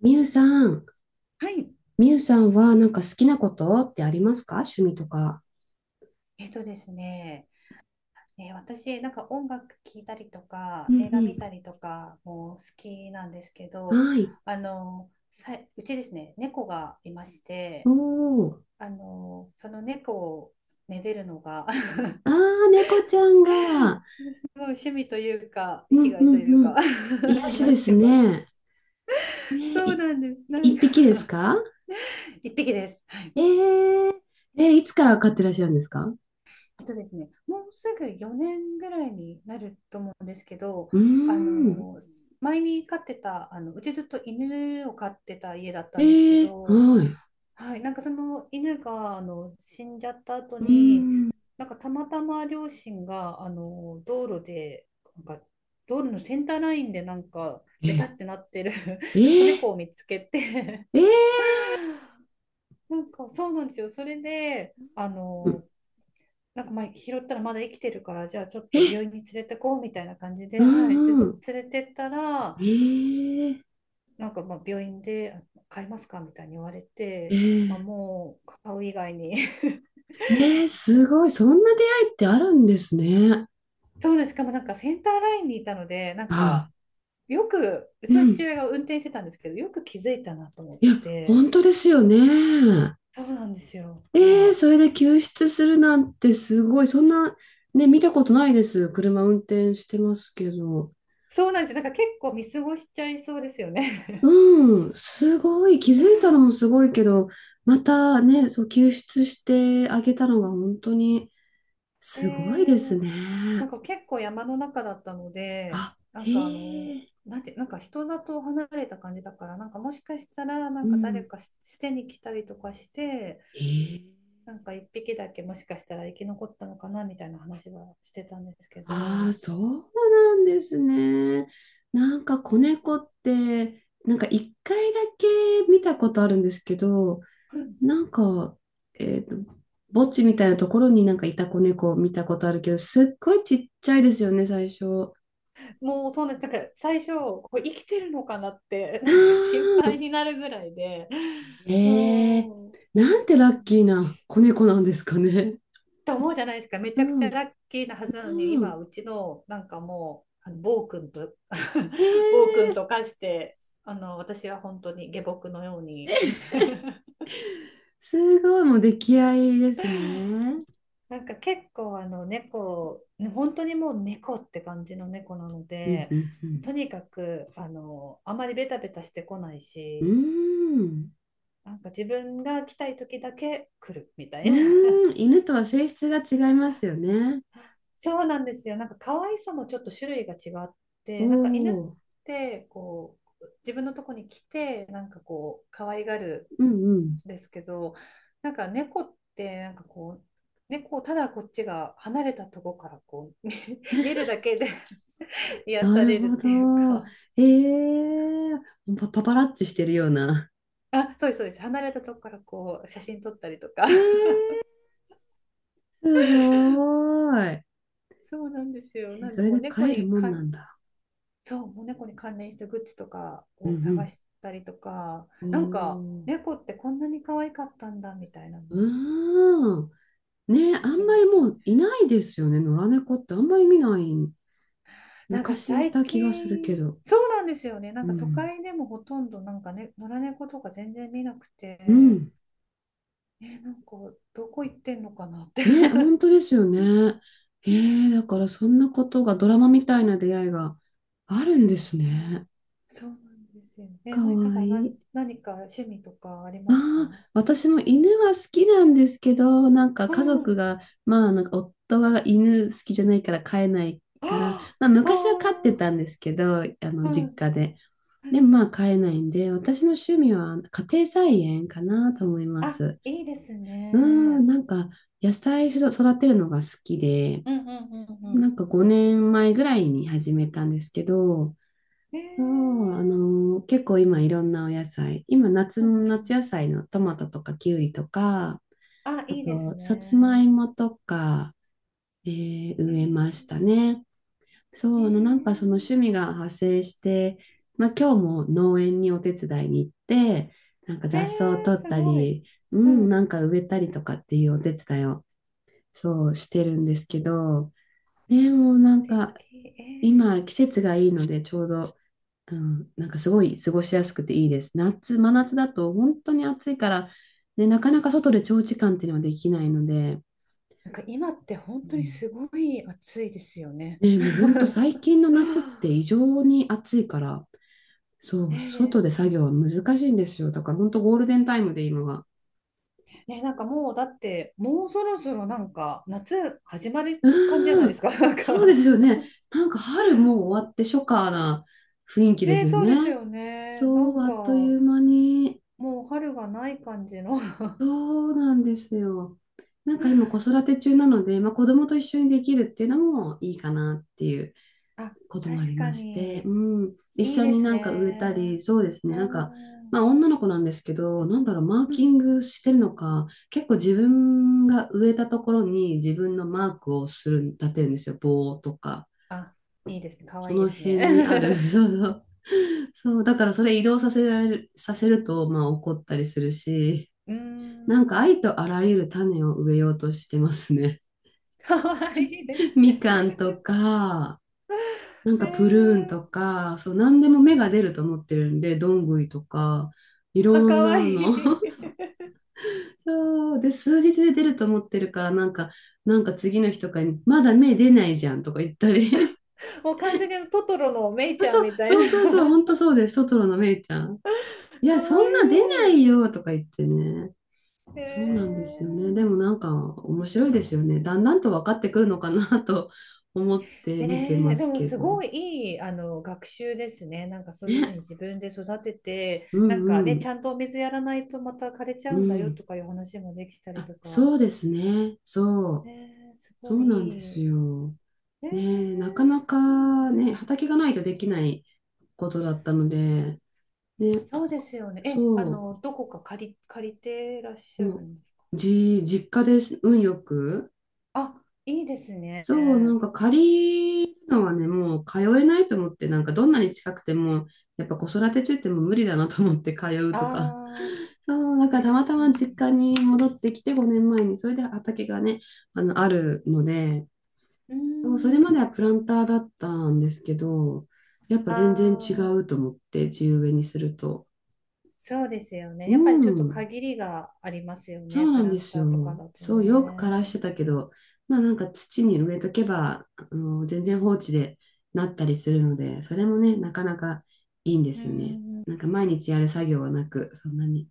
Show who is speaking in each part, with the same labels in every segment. Speaker 1: みゆさん、
Speaker 2: はい。
Speaker 1: みゆさんはなんか好きなことってありますか？趣味とか。
Speaker 2: えっとですね、私、なんか音楽聴いたりと
Speaker 1: う
Speaker 2: か、映画見た
Speaker 1: ん
Speaker 2: りとかも好きなんですけ
Speaker 1: う
Speaker 2: ど、
Speaker 1: ん。はい。
Speaker 2: あの、うちですね、猫がいまし
Speaker 1: お
Speaker 2: て、
Speaker 1: ー。
Speaker 2: あの、その猫をめでるのが す
Speaker 1: あー、猫ちゃんが。
Speaker 2: ごい 趣味というか、
Speaker 1: う
Speaker 2: 生き
Speaker 1: ん
Speaker 2: が
Speaker 1: う
Speaker 2: いという
Speaker 1: んう
Speaker 2: か
Speaker 1: ん。癒
Speaker 2: に
Speaker 1: し
Speaker 2: なっ
Speaker 1: です
Speaker 2: てます。
Speaker 1: ね。ね、
Speaker 2: そうなんです。なん
Speaker 1: 一
Speaker 2: か
Speaker 1: 匹ですか？
Speaker 2: 一匹です。は
Speaker 1: え
Speaker 2: い。
Speaker 1: ー、いつから飼ってらっしゃるんですか？
Speaker 2: えっとですね、もうすぐ4年ぐらいになると思うんですけど、
Speaker 1: うー
Speaker 2: あ
Speaker 1: ん。
Speaker 2: の前に飼ってたあのうちずっと犬を飼ってた家だったんですけど、
Speaker 1: はい。
Speaker 2: はい、なんかその犬があの死んじゃった後
Speaker 1: うー
Speaker 2: に、
Speaker 1: ん。
Speaker 2: なんかたまたま両親があの道路で、なんか道路のセンターラインでなんか
Speaker 1: え
Speaker 2: ベタ
Speaker 1: ー、
Speaker 2: ってなってる
Speaker 1: え
Speaker 2: 子猫
Speaker 1: ー、
Speaker 2: を見つけて、
Speaker 1: えー、
Speaker 2: なんかそうなんですよ。それであ
Speaker 1: うん
Speaker 2: の、なんかまあ拾ったらまだ生きてるからじゃあちょっ
Speaker 1: え、
Speaker 2: と病院に連れてこうみたいな感じ
Speaker 1: う
Speaker 2: で、はい、
Speaker 1: んうん。
Speaker 2: 連れてったら、
Speaker 1: えー、
Speaker 2: なんかまあ病院で買いますかみたいに言われ
Speaker 1: え
Speaker 2: て、まあ、
Speaker 1: ー
Speaker 2: もう買う以外に
Speaker 1: ねえ、すごい。そんな出会いってあるんですね。
Speaker 2: そうです。しかもなんかセンターラインにいたので、なんか
Speaker 1: あ、
Speaker 2: よくうち
Speaker 1: う
Speaker 2: の父
Speaker 1: ん。
Speaker 2: 親が運転してたんですけど、よく気づいたなと思っ
Speaker 1: いや、
Speaker 2: て。
Speaker 1: 本当ですよね。
Speaker 2: そうなんですよ、だか
Speaker 1: ええ、
Speaker 2: ら。
Speaker 1: それで救出するなんてすごい。そんな、ね、見たことないです。車運転してますけど。
Speaker 2: そうなんですよ、なんか結構見過ごしちゃいそうですよね。
Speaker 1: うん、すごい。気づいたのもすごいけど、またね、そう、救出してあげたのが本当に
Speaker 2: え
Speaker 1: すごいです
Speaker 2: ーなん
Speaker 1: ね。
Speaker 2: か結構山の中だったので、
Speaker 1: あ、
Speaker 2: なん
Speaker 1: へ
Speaker 2: かあの、
Speaker 1: え、
Speaker 2: なんか人里離れた感じだから、なんかもしかしたら、な
Speaker 1: う
Speaker 2: んか誰
Speaker 1: ん。
Speaker 2: か捨てに来たりとかして、
Speaker 1: へえ。
Speaker 2: なんか一匹だけもしかしたら生き残ったのかなみたいな話はしてたんですけど、
Speaker 1: ああ、そうなんですね。なんか子猫って、なんか一回だけ見たことあるんですけど、
Speaker 2: う、
Speaker 1: なんか、えっと、墓地みたいなところになんかいた子猫を見たことあるけど、すっごいちっちゃいですよね、最初。
Speaker 2: もうそうなんです。だから最初、これ生きてるのかなって、
Speaker 1: あ
Speaker 2: なんか心
Speaker 1: あ、
Speaker 2: 配になるぐらいで、
Speaker 1: ええ、
Speaker 2: そ
Speaker 1: なんて
Speaker 2: う。
Speaker 1: ラ
Speaker 2: う
Speaker 1: ッ
Speaker 2: ん
Speaker 1: キーな子猫なんですかね。
Speaker 2: と思うじゃないですか。めち
Speaker 1: う
Speaker 2: ゃくちゃ
Speaker 1: ん、
Speaker 2: ラッキーなはずなのに、
Speaker 1: う
Speaker 2: 今、
Speaker 1: ん。
Speaker 2: うちのなんかもう、あの暴君と 暴君
Speaker 1: ええ、
Speaker 2: と化して、あの、私は本当に下僕のように。
Speaker 1: すごい、もう出来合いですね。
Speaker 2: なんか結構あの猫、ね、本当にもう猫って感じの猫なの
Speaker 1: うん、
Speaker 2: で、
Speaker 1: う
Speaker 2: と
Speaker 1: ん、
Speaker 2: にかくあのあまりベタベタしてこない
Speaker 1: うん。
Speaker 2: し、
Speaker 1: うーん。
Speaker 2: なんか自分が来たい時だけ来るみた
Speaker 1: う
Speaker 2: いな。
Speaker 1: ーん、犬とは性質が違いますよね。
Speaker 2: そうなんですよ。なんか可愛さもちょっと種類が違っ
Speaker 1: お
Speaker 2: て、なんか犬っ
Speaker 1: お、
Speaker 2: てこう自分のとこに来てなんかこう可愛がる
Speaker 1: うんうん。
Speaker 2: んですけど、なんか猫ってなんかこう猫をただこっちが離れたとこからこう見 見るだけで 癒
Speaker 1: な
Speaker 2: さ
Speaker 1: る
Speaker 2: れるっ
Speaker 1: ほ
Speaker 2: ていう
Speaker 1: ど。
Speaker 2: か、
Speaker 1: ええー、パパラッチしてるような。
Speaker 2: あ、そうですそうです。離れたとこからこう写真撮ったりとか。
Speaker 1: え えー、すごーい。
Speaker 2: そうなんですよ。なん
Speaker 1: そ
Speaker 2: で
Speaker 1: れ
Speaker 2: もう
Speaker 1: で
Speaker 2: 猫
Speaker 1: 飼える
Speaker 2: に
Speaker 1: もん
Speaker 2: か
Speaker 1: なんだ。
Speaker 2: そう、もう猫に関連したグッズとか
Speaker 1: う
Speaker 2: を探
Speaker 1: ん
Speaker 2: したりとか、
Speaker 1: う
Speaker 2: なんか
Speaker 1: ん。おお、
Speaker 2: 猫ってこんなに可愛かったんだみたいなの
Speaker 1: う
Speaker 2: に
Speaker 1: ーん。ね、
Speaker 2: 気
Speaker 1: あ
Speaker 2: づ
Speaker 1: ん
Speaker 2: き
Speaker 1: ま
Speaker 2: ま
Speaker 1: り
Speaker 2: した
Speaker 1: も
Speaker 2: ね。
Speaker 1: ういないですよね。野良猫ってあんまり見ない。
Speaker 2: なんか
Speaker 1: 昔い
Speaker 2: 最
Speaker 1: た気がする
Speaker 2: 近、
Speaker 1: けど。
Speaker 2: そうなんですよね。な
Speaker 1: う
Speaker 2: んか都
Speaker 1: ん。
Speaker 2: 会でもほとんどなんかね、野良猫とか全然見なく
Speaker 1: う
Speaker 2: て、
Speaker 1: ん。
Speaker 2: え、なんかどこ行ってんのかなって
Speaker 1: ね、本当で すよね。だからそんなことがドラマみたいな出会いがあるんで
Speaker 2: そ
Speaker 1: す
Speaker 2: うなん、
Speaker 1: ね。
Speaker 2: そうなんですよ
Speaker 1: か
Speaker 2: ね。マイカ
Speaker 1: わ
Speaker 2: さ
Speaker 1: い
Speaker 2: ん、
Speaker 1: い。
Speaker 2: 何か趣味とかありますか？
Speaker 1: ああ、私も犬は好きなんですけど、なんか
Speaker 2: う
Speaker 1: 家族
Speaker 2: ん。
Speaker 1: が、まあなんか夫が犬好きじゃないから飼えないから、
Speaker 2: あ
Speaker 1: まあ
Speaker 2: あ、
Speaker 1: 昔は飼って
Speaker 2: あ
Speaker 1: たんですけど、あ
Speaker 2: あ、
Speaker 1: の
Speaker 2: う
Speaker 1: 実
Speaker 2: ん。
Speaker 1: 家で。でもまあ飼えないんで、私の趣味は家庭菜園かなと思いま
Speaker 2: あ、
Speaker 1: す。
Speaker 2: いいです
Speaker 1: うん、
Speaker 2: ね。
Speaker 1: なんか野菜育てるのが好きで。
Speaker 2: うんうんうんう
Speaker 1: なんか5年前ぐらいに始めたんですけど、
Speaker 2: ん。え
Speaker 1: そう、
Speaker 2: ー、
Speaker 1: 結構今いろんなお野菜、今夏、
Speaker 2: うんうんうん。
Speaker 1: 夏野菜のトマトとかキウイとか、
Speaker 2: あ、
Speaker 1: あ
Speaker 2: いいです
Speaker 1: とさつま
Speaker 2: ね。
Speaker 1: いもとか、
Speaker 2: え
Speaker 1: 植え
Speaker 2: ー、
Speaker 1: ましたね。そ
Speaker 2: え
Speaker 1: う、なんかその
Speaker 2: ー、
Speaker 1: 趣味が派生して、まあ、今日も農園にお手伝いに行って、なんか
Speaker 2: え
Speaker 1: 雑草を取
Speaker 2: ー、
Speaker 1: っ
Speaker 2: す
Speaker 1: た
Speaker 2: ごい。
Speaker 1: り、う
Speaker 2: う
Speaker 1: ん、
Speaker 2: ん、
Speaker 1: なんか植えたりとかっていうお手伝いをそうしてるんですけど、でもな
Speaker 2: 素
Speaker 1: ん
Speaker 2: 敵。
Speaker 1: か
Speaker 2: えー、
Speaker 1: 今、季節がいいので、ちょうど、うん、なんかすごい過ごしやすくていいです。真夏だと本当に暑いから、ね、なかなか外で長時間っていうのはできないので、
Speaker 2: なんか今って本
Speaker 1: う
Speaker 2: 当に
Speaker 1: ん、
Speaker 2: すごい暑いですよね。
Speaker 1: ね、もう本当最近の 夏っ
Speaker 2: は
Speaker 1: て異
Speaker 2: あ。
Speaker 1: 常に暑いから、そう、外
Speaker 2: ね
Speaker 1: で作業は難しいんですよ。だから本当ゴールデンタイムで今が。
Speaker 2: え、ねえ、なんかもうだってもうそろそろなんか夏始まる
Speaker 1: う
Speaker 2: 感じじゃない
Speaker 1: ー
Speaker 2: です
Speaker 1: ん、
Speaker 2: か。なん
Speaker 1: そうで
Speaker 2: か、
Speaker 1: すよね。なんか春もう終わって初夏な雰囲気で
Speaker 2: ねえ、
Speaker 1: すよ
Speaker 2: そうです
Speaker 1: ね。
Speaker 2: よね。な
Speaker 1: そ
Speaker 2: ん
Speaker 1: う、あっと
Speaker 2: か
Speaker 1: いう間に。
Speaker 2: もう春がない感じの。
Speaker 1: そうなんですよ。なんか今子育て中なので、まあ、子供と一緒にできるっていうのもいいかなっていう
Speaker 2: あ、
Speaker 1: こともあ
Speaker 2: 確
Speaker 1: り
Speaker 2: か
Speaker 1: まして、
Speaker 2: に。
Speaker 1: うん、一
Speaker 2: いい
Speaker 1: 緒
Speaker 2: で
Speaker 1: に
Speaker 2: す
Speaker 1: なんか植えたり、
Speaker 2: ね。
Speaker 1: そうです
Speaker 2: う
Speaker 1: ね、
Speaker 2: ー
Speaker 1: なんか、
Speaker 2: ん。
Speaker 1: まあ、女の子なんですけど、なんだろう、マー
Speaker 2: う
Speaker 1: キ
Speaker 2: ん。
Speaker 1: ングしてるのか、結構自分が植えたところに自分のマークをする、立てるんですよ、棒とか、
Speaker 2: あ、いいですね。かわ
Speaker 1: そ
Speaker 2: いいで
Speaker 1: の
Speaker 2: すね。
Speaker 1: 辺にある、そうそう、そう、だからそれ移動させられる、させると、まあ怒ったりするし、
Speaker 2: うー
Speaker 1: なんかあ
Speaker 2: ん。
Speaker 1: りとあらゆる種を植えようとしてますね。
Speaker 2: かわいいで す
Speaker 1: み
Speaker 2: ね。
Speaker 1: かんとか、なん
Speaker 2: ね
Speaker 1: かプルーンと
Speaker 2: え。
Speaker 1: か、そう、何でも芽が出ると思ってるんで、どんぐりとか、い
Speaker 2: あ、
Speaker 1: ろ
Speaker 2: か
Speaker 1: ん
Speaker 2: わ
Speaker 1: なの。
Speaker 2: いい。
Speaker 1: そうで、数日で出ると思ってるから、なんか、次の日とかに、まだ芽出ないじゃんとか言ったり。
Speaker 2: もう完全にあのトトロのメイ
Speaker 1: あ、
Speaker 2: ちゃん
Speaker 1: そう、
Speaker 2: みたいな。
Speaker 1: そうそうそう、ほんとそうです。トトロの芽ちゃん。い
Speaker 2: か
Speaker 1: や、そ
Speaker 2: わい
Speaker 1: んな出な
Speaker 2: い。
Speaker 1: いよとか言ってね。
Speaker 2: へ
Speaker 1: そうなんですよね。でも
Speaker 2: え。
Speaker 1: なんか面白いですよね。だんだんと分かってくるのかなと 思って見て
Speaker 2: ね
Speaker 1: ま
Speaker 2: え、で
Speaker 1: す
Speaker 2: も
Speaker 1: け
Speaker 2: すご
Speaker 1: ど。
Speaker 2: いいい、あの、学習ですね。なんかそういうふうに
Speaker 1: ね。
Speaker 2: 自分で育てて、
Speaker 1: う
Speaker 2: なんか
Speaker 1: んう
Speaker 2: ね、ち
Speaker 1: ん。
Speaker 2: ゃんとお水やらないとまた枯れちゃ
Speaker 1: う
Speaker 2: うんだよ
Speaker 1: ん。
Speaker 2: とかいう話もできたり
Speaker 1: あ、
Speaker 2: とか。
Speaker 1: そうですね。そう。
Speaker 2: ねえ、す
Speaker 1: そ
Speaker 2: ご
Speaker 1: う
Speaker 2: い
Speaker 1: なんで
Speaker 2: いい。
Speaker 1: す
Speaker 2: ね
Speaker 1: よ。ね、な
Speaker 2: え、
Speaker 1: かな
Speaker 2: いい
Speaker 1: かね、畑がないとできないことだったので、ね、
Speaker 2: な。そうですよね。え、あ
Speaker 1: そ
Speaker 2: の、どこか借りてらっし
Speaker 1: う。
Speaker 2: ゃる
Speaker 1: もう、
Speaker 2: んですか？
Speaker 1: 実家です、運よく。
Speaker 2: あ、いいです
Speaker 1: そう、な
Speaker 2: ね。
Speaker 1: んか借りるのはね、もう通えないと思って、なんかどんなに近くても、やっぱ子育て中ってもう無理だなと思って通うとか。
Speaker 2: ああ、
Speaker 1: そう、だか
Speaker 2: 確
Speaker 1: らたまた
Speaker 2: か
Speaker 1: ま実
Speaker 2: に。
Speaker 1: 家に戻ってきて5年前に、それで畑がね、あるので、
Speaker 2: うー
Speaker 1: そうそれま
Speaker 2: ん。
Speaker 1: ではプランターだったんですけど、やっぱ全然違
Speaker 2: あ
Speaker 1: う
Speaker 2: あ、
Speaker 1: と思って、地植えにすると。
Speaker 2: そうですよね。
Speaker 1: う
Speaker 2: やっぱりちょっと
Speaker 1: ん。
Speaker 2: 限りがありますよ
Speaker 1: そ
Speaker 2: ね。
Speaker 1: うな
Speaker 2: プ
Speaker 1: ん
Speaker 2: ラ
Speaker 1: で
Speaker 2: ン
Speaker 1: す
Speaker 2: ターとか
Speaker 1: よ。
Speaker 2: だと
Speaker 1: そう、よく枯らし
Speaker 2: ね。
Speaker 1: てたけど、まあなんか土に植えとけば、全然放置でなったりするので、それもね、なかなかいいんで
Speaker 2: うん
Speaker 1: すよ
Speaker 2: う
Speaker 1: ね。
Speaker 2: んうん。
Speaker 1: なんか毎日やる作業はなく、そんなに。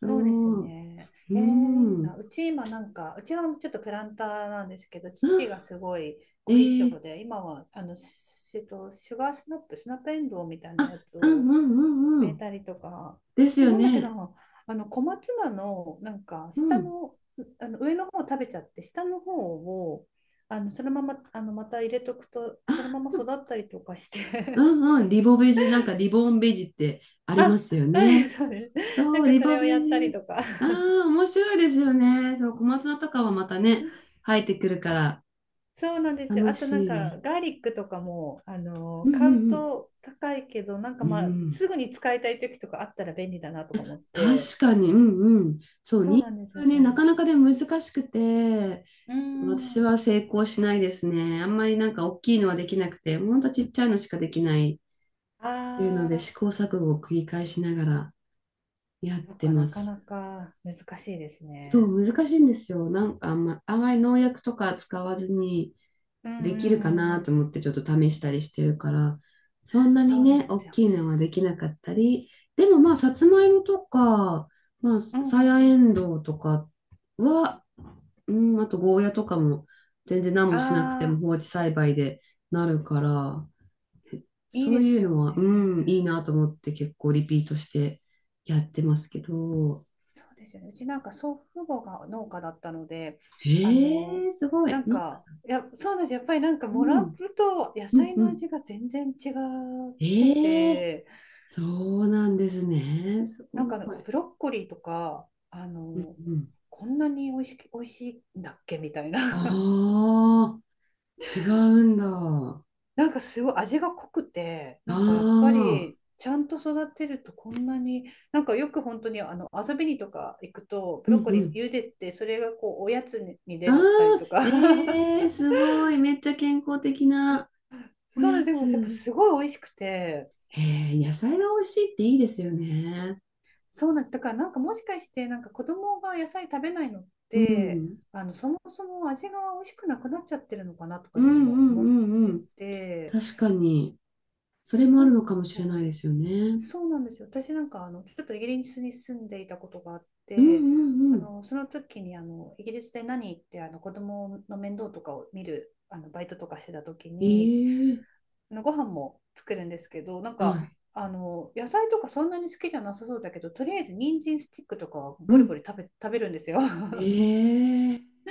Speaker 1: そ
Speaker 2: そうです
Speaker 1: う、
Speaker 2: ね。
Speaker 1: うー
Speaker 2: えー、いいな。
Speaker 1: ん。
Speaker 2: うち今なんか、うちはちょっとプランターなんですけど、
Speaker 1: あ、
Speaker 2: 父がすごい
Speaker 1: え
Speaker 2: 凝り性
Speaker 1: ー、
Speaker 2: で、今はあの、しえっと、シュガースナップ、スナップエンドウみたいな
Speaker 1: あ、
Speaker 2: やつ
Speaker 1: うん
Speaker 2: を
Speaker 1: うんうん
Speaker 2: 植
Speaker 1: う
Speaker 2: え
Speaker 1: ん。
Speaker 2: たりとか、
Speaker 1: で
Speaker 2: あ
Speaker 1: す
Speaker 2: と
Speaker 1: よ
Speaker 2: なんだっけな、
Speaker 1: ね。
Speaker 2: あの小松菜のなんか
Speaker 1: う
Speaker 2: 下
Speaker 1: ん。
Speaker 2: の、あの上の方を食べちゃって、下の方をあのそのままあのまた入れとくと、そのまま
Speaker 1: あ、
Speaker 2: 育ったりとかし
Speaker 1: う
Speaker 2: て
Speaker 1: んうん。リボベジ、なんかリボンベジってあ りま
Speaker 2: あ、
Speaker 1: すよ
Speaker 2: そうで
Speaker 1: ね。
Speaker 2: すそうです。な
Speaker 1: そ
Speaker 2: ん
Speaker 1: う、
Speaker 2: か
Speaker 1: リ
Speaker 2: それ
Speaker 1: ボ
Speaker 2: を
Speaker 1: ベ
Speaker 2: やったり
Speaker 1: ジ。
Speaker 2: とか。
Speaker 1: あ あ、面白いですよね。そう、小松菜とかはまたね、生えてくるから、
Speaker 2: そうなんですよ。
Speaker 1: 楽
Speaker 2: あとなん
Speaker 1: し
Speaker 2: か
Speaker 1: い。
Speaker 2: ガーリックとかも、あの
Speaker 1: うん
Speaker 2: 買う
Speaker 1: うん
Speaker 2: と高いけど、なんか
Speaker 1: うん。う
Speaker 2: まあ
Speaker 1: ん、
Speaker 2: すぐに使いたい時とかあったら便利だなとか思って。
Speaker 1: 確かに、うんうん。そう、
Speaker 2: そ
Speaker 1: ニン
Speaker 2: う
Speaker 1: ニ
Speaker 2: なんです
Speaker 1: ク
Speaker 2: よ。
Speaker 1: ね、なかなかで難しくて、
Speaker 2: うー
Speaker 1: 私
Speaker 2: ん。
Speaker 1: は成功しないですね。あんまりなんか大きいのはできなくて、ほんとちっちゃいのしかできないっ
Speaker 2: あ
Speaker 1: ていうので、試
Speaker 2: あ。
Speaker 1: 行錯誤を繰り返しながらやっ
Speaker 2: そっ
Speaker 1: て
Speaker 2: か、
Speaker 1: ま
Speaker 2: なか
Speaker 1: す。
Speaker 2: なか難しいです
Speaker 1: そ
Speaker 2: ね。
Speaker 1: う、難しいんですよ。なんかあまり農薬とか使わずに、
Speaker 2: うん
Speaker 1: で
Speaker 2: う
Speaker 1: きるか
Speaker 2: んうん
Speaker 1: な
Speaker 2: う
Speaker 1: と
Speaker 2: ん。
Speaker 1: 思ってちょっと試したりしてるから、そんなに
Speaker 2: そうな
Speaker 1: ね、
Speaker 2: んで
Speaker 1: 大
Speaker 2: すよ
Speaker 1: き
Speaker 2: ね。
Speaker 1: いのはできなかったり、でもまあ、さつまいもとか、まあ、
Speaker 2: うんうん
Speaker 1: さ
Speaker 2: う
Speaker 1: や
Speaker 2: ん。
Speaker 1: えんどうとかは、うん、あとゴーヤとかも全然何もしなくても
Speaker 2: ああ、
Speaker 1: 放置栽培でなるから、
Speaker 2: いい
Speaker 1: そ
Speaker 2: で
Speaker 1: うい
Speaker 2: す
Speaker 1: うの
Speaker 2: よ
Speaker 1: は、うん、いい
Speaker 2: ね。
Speaker 1: なと思って結構リピートしてやってますけど、
Speaker 2: そうですよね。うちなんか祖父母が農家だったので、あの、
Speaker 1: すご
Speaker 2: な
Speaker 1: い。
Speaker 2: ん
Speaker 1: の、
Speaker 2: か、いや、そうなんです。やっぱりなんか
Speaker 1: う
Speaker 2: もらう
Speaker 1: ん、
Speaker 2: と野
Speaker 1: うん、
Speaker 2: 菜
Speaker 1: う
Speaker 2: の
Speaker 1: ん。
Speaker 2: 味が全然違っ
Speaker 1: え
Speaker 2: て
Speaker 1: ー、
Speaker 2: て、
Speaker 1: そうなんですね。す
Speaker 2: なん
Speaker 1: ご
Speaker 2: かあの
Speaker 1: い。
Speaker 2: ブロッコリーとか、あ
Speaker 1: うん
Speaker 2: の、
Speaker 1: うん。
Speaker 2: こんなに美味しいんだっけみたいな。
Speaker 1: ああ、違うんだ。あ
Speaker 2: なんかすごい味が濃くて、なんかやっぱ
Speaker 1: あ、
Speaker 2: りちゃんと育てるとこんなに、なんかよく本当にあの遊びにとか行くと、ブ
Speaker 1: うん
Speaker 2: ロッコ
Speaker 1: う
Speaker 2: リー
Speaker 1: ん。
Speaker 2: 茹でて、それがこうおやつに出
Speaker 1: あ
Speaker 2: るたり
Speaker 1: あ、
Speaker 2: とか、
Speaker 1: ええ、すごい。めっちゃ健康的なお
Speaker 2: そう
Speaker 1: や
Speaker 2: なんです、でもやっぱ
Speaker 1: つ。
Speaker 2: すごい美味しくて、
Speaker 1: へえ、野菜が美味しいっていいですよね。
Speaker 2: そうなんです、だからなんかもしかして、なんか子供が野菜食べないのっ
Speaker 1: う
Speaker 2: て、
Speaker 1: ん。
Speaker 2: あのそもそも味が美味しくなくなっちゃってるのかなとか
Speaker 1: う
Speaker 2: い
Speaker 1: ん
Speaker 2: うの
Speaker 1: う
Speaker 2: も思っ
Speaker 1: んうんう
Speaker 2: て
Speaker 1: ん。
Speaker 2: て、
Speaker 1: 確かに。それも
Speaker 2: な
Speaker 1: あ
Speaker 2: ん
Speaker 1: るのかもしれな
Speaker 2: か、
Speaker 1: いですよね。
Speaker 2: そうなんですよ。私なんかあのちょっとイギリスに住んでいたことがあっ
Speaker 1: うんう
Speaker 2: て、
Speaker 1: ん
Speaker 2: あ
Speaker 1: うん。
Speaker 2: のその時にあのイギリスで何ってあの子供の面倒とかを見るあのバイトとかしてた時に、
Speaker 1: ええ、
Speaker 2: あのご飯も作るんですけど、なん
Speaker 1: は
Speaker 2: か
Speaker 1: い。
Speaker 2: あの野菜とかそんなに好きじゃなさそうだけど、とりあえず人参スティックとかは
Speaker 1: う
Speaker 2: ボリボ
Speaker 1: ん。
Speaker 2: リ食べるんですよ。
Speaker 1: ええ、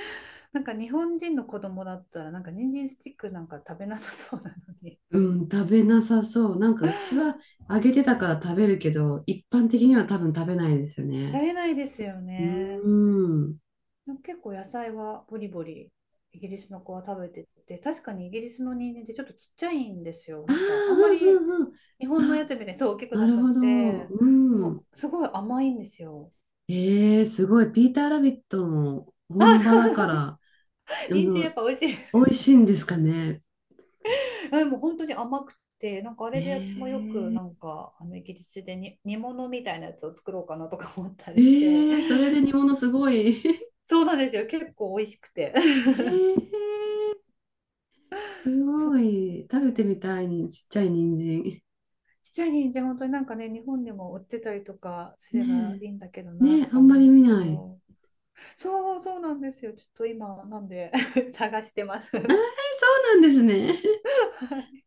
Speaker 2: なんか日本人の子供だったらなんか人参スティックなんか食べなさそうなのに、
Speaker 1: うん、食べなさそう。なんかうちは揚げてたから食べるけど、一般的には多分食べないですよ
Speaker 2: 食
Speaker 1: ね。
Speaker 2: べないですよ
Speaker 1: う
Speaker 2: ね。
Speaker 1: ーん。
Speaker 2: でも結構野菜はボリボリ、イギリスの子は食べてて、確かにイギリスの人参ってちょっとちっちゃいんですよ。
Speaker 1: ああ、
Speaker 2: な
Speaker 1: う
Speaker 2: んかあんまり
Speaker 1: んうんうん。
Speaker 2: 日本のや
Speaker 1: あ、
Speaker 2: つみたいにそう大きく
Speaker 1: な
Speaker 2: な
Speaker 1: る
Speaker 2: くっ
Speaker 1: ほど。
Speaker 2: て、
Speaker 1: うん。
Speaker 2: もうすごい甘いんですよ。
Speaker 1: えーすごい。ピーターラビットの
Speaker 2: あ、
Speaker 1: 本場だ
Speaker 2: そ
Speaker 1: か
Speaker 2: う
Speaker 1: ら、
Speaker 2: そう。
Speaker 1: あ
Speaker 2: 人参
Speaker 1: の、
Speaker 2: やっぱ美味しいです
Speaker 1: 美
Speaker 2: よ
Speaker 1: 味し
Speaker 2: ね。
Speaker 1: いんですかね。
Speaker 2: でも本当に甘くて、なんかあ
Speaker 1: え
Speaker 2: れで私も
Speaker 1: ー、
Speaker 2: よくなんかあのイギリスでに煮物みたいなやつを作ろうかなとか思った
Speaker 1: え
Speaker 2: りして、
Speaker 1: それ で煮物すごい。
Speaker 2: そうなんですよ。結構美味しくて。
Speaker 1: え ーすごい。食べてみたいに、ちっちゃい人参。
Speaker 2: ちっちゃい人参本当になんかね、日本でも売ってたりとかす
Speaker 1: ね
Speaker 2: ればいいんだけど
Speaker 1: え、ね
Speaker 2: な
Speaker 1: え、
Speaker 2: と
Speaker 1: あ
Speaker 2: か
Speaker 1: んま
Speaker 2: 思うん
Speaker 1: り
Speaker 2: です
Speaker 1: 見
Speaker 2: け
Speaker 1: ない。
Speaker 2: ど、そうそうなんですよ、ちょっと今なんで 探してます
Speaker 1: あー、
Speaker 2: は
Speaker 1: そうなんですね。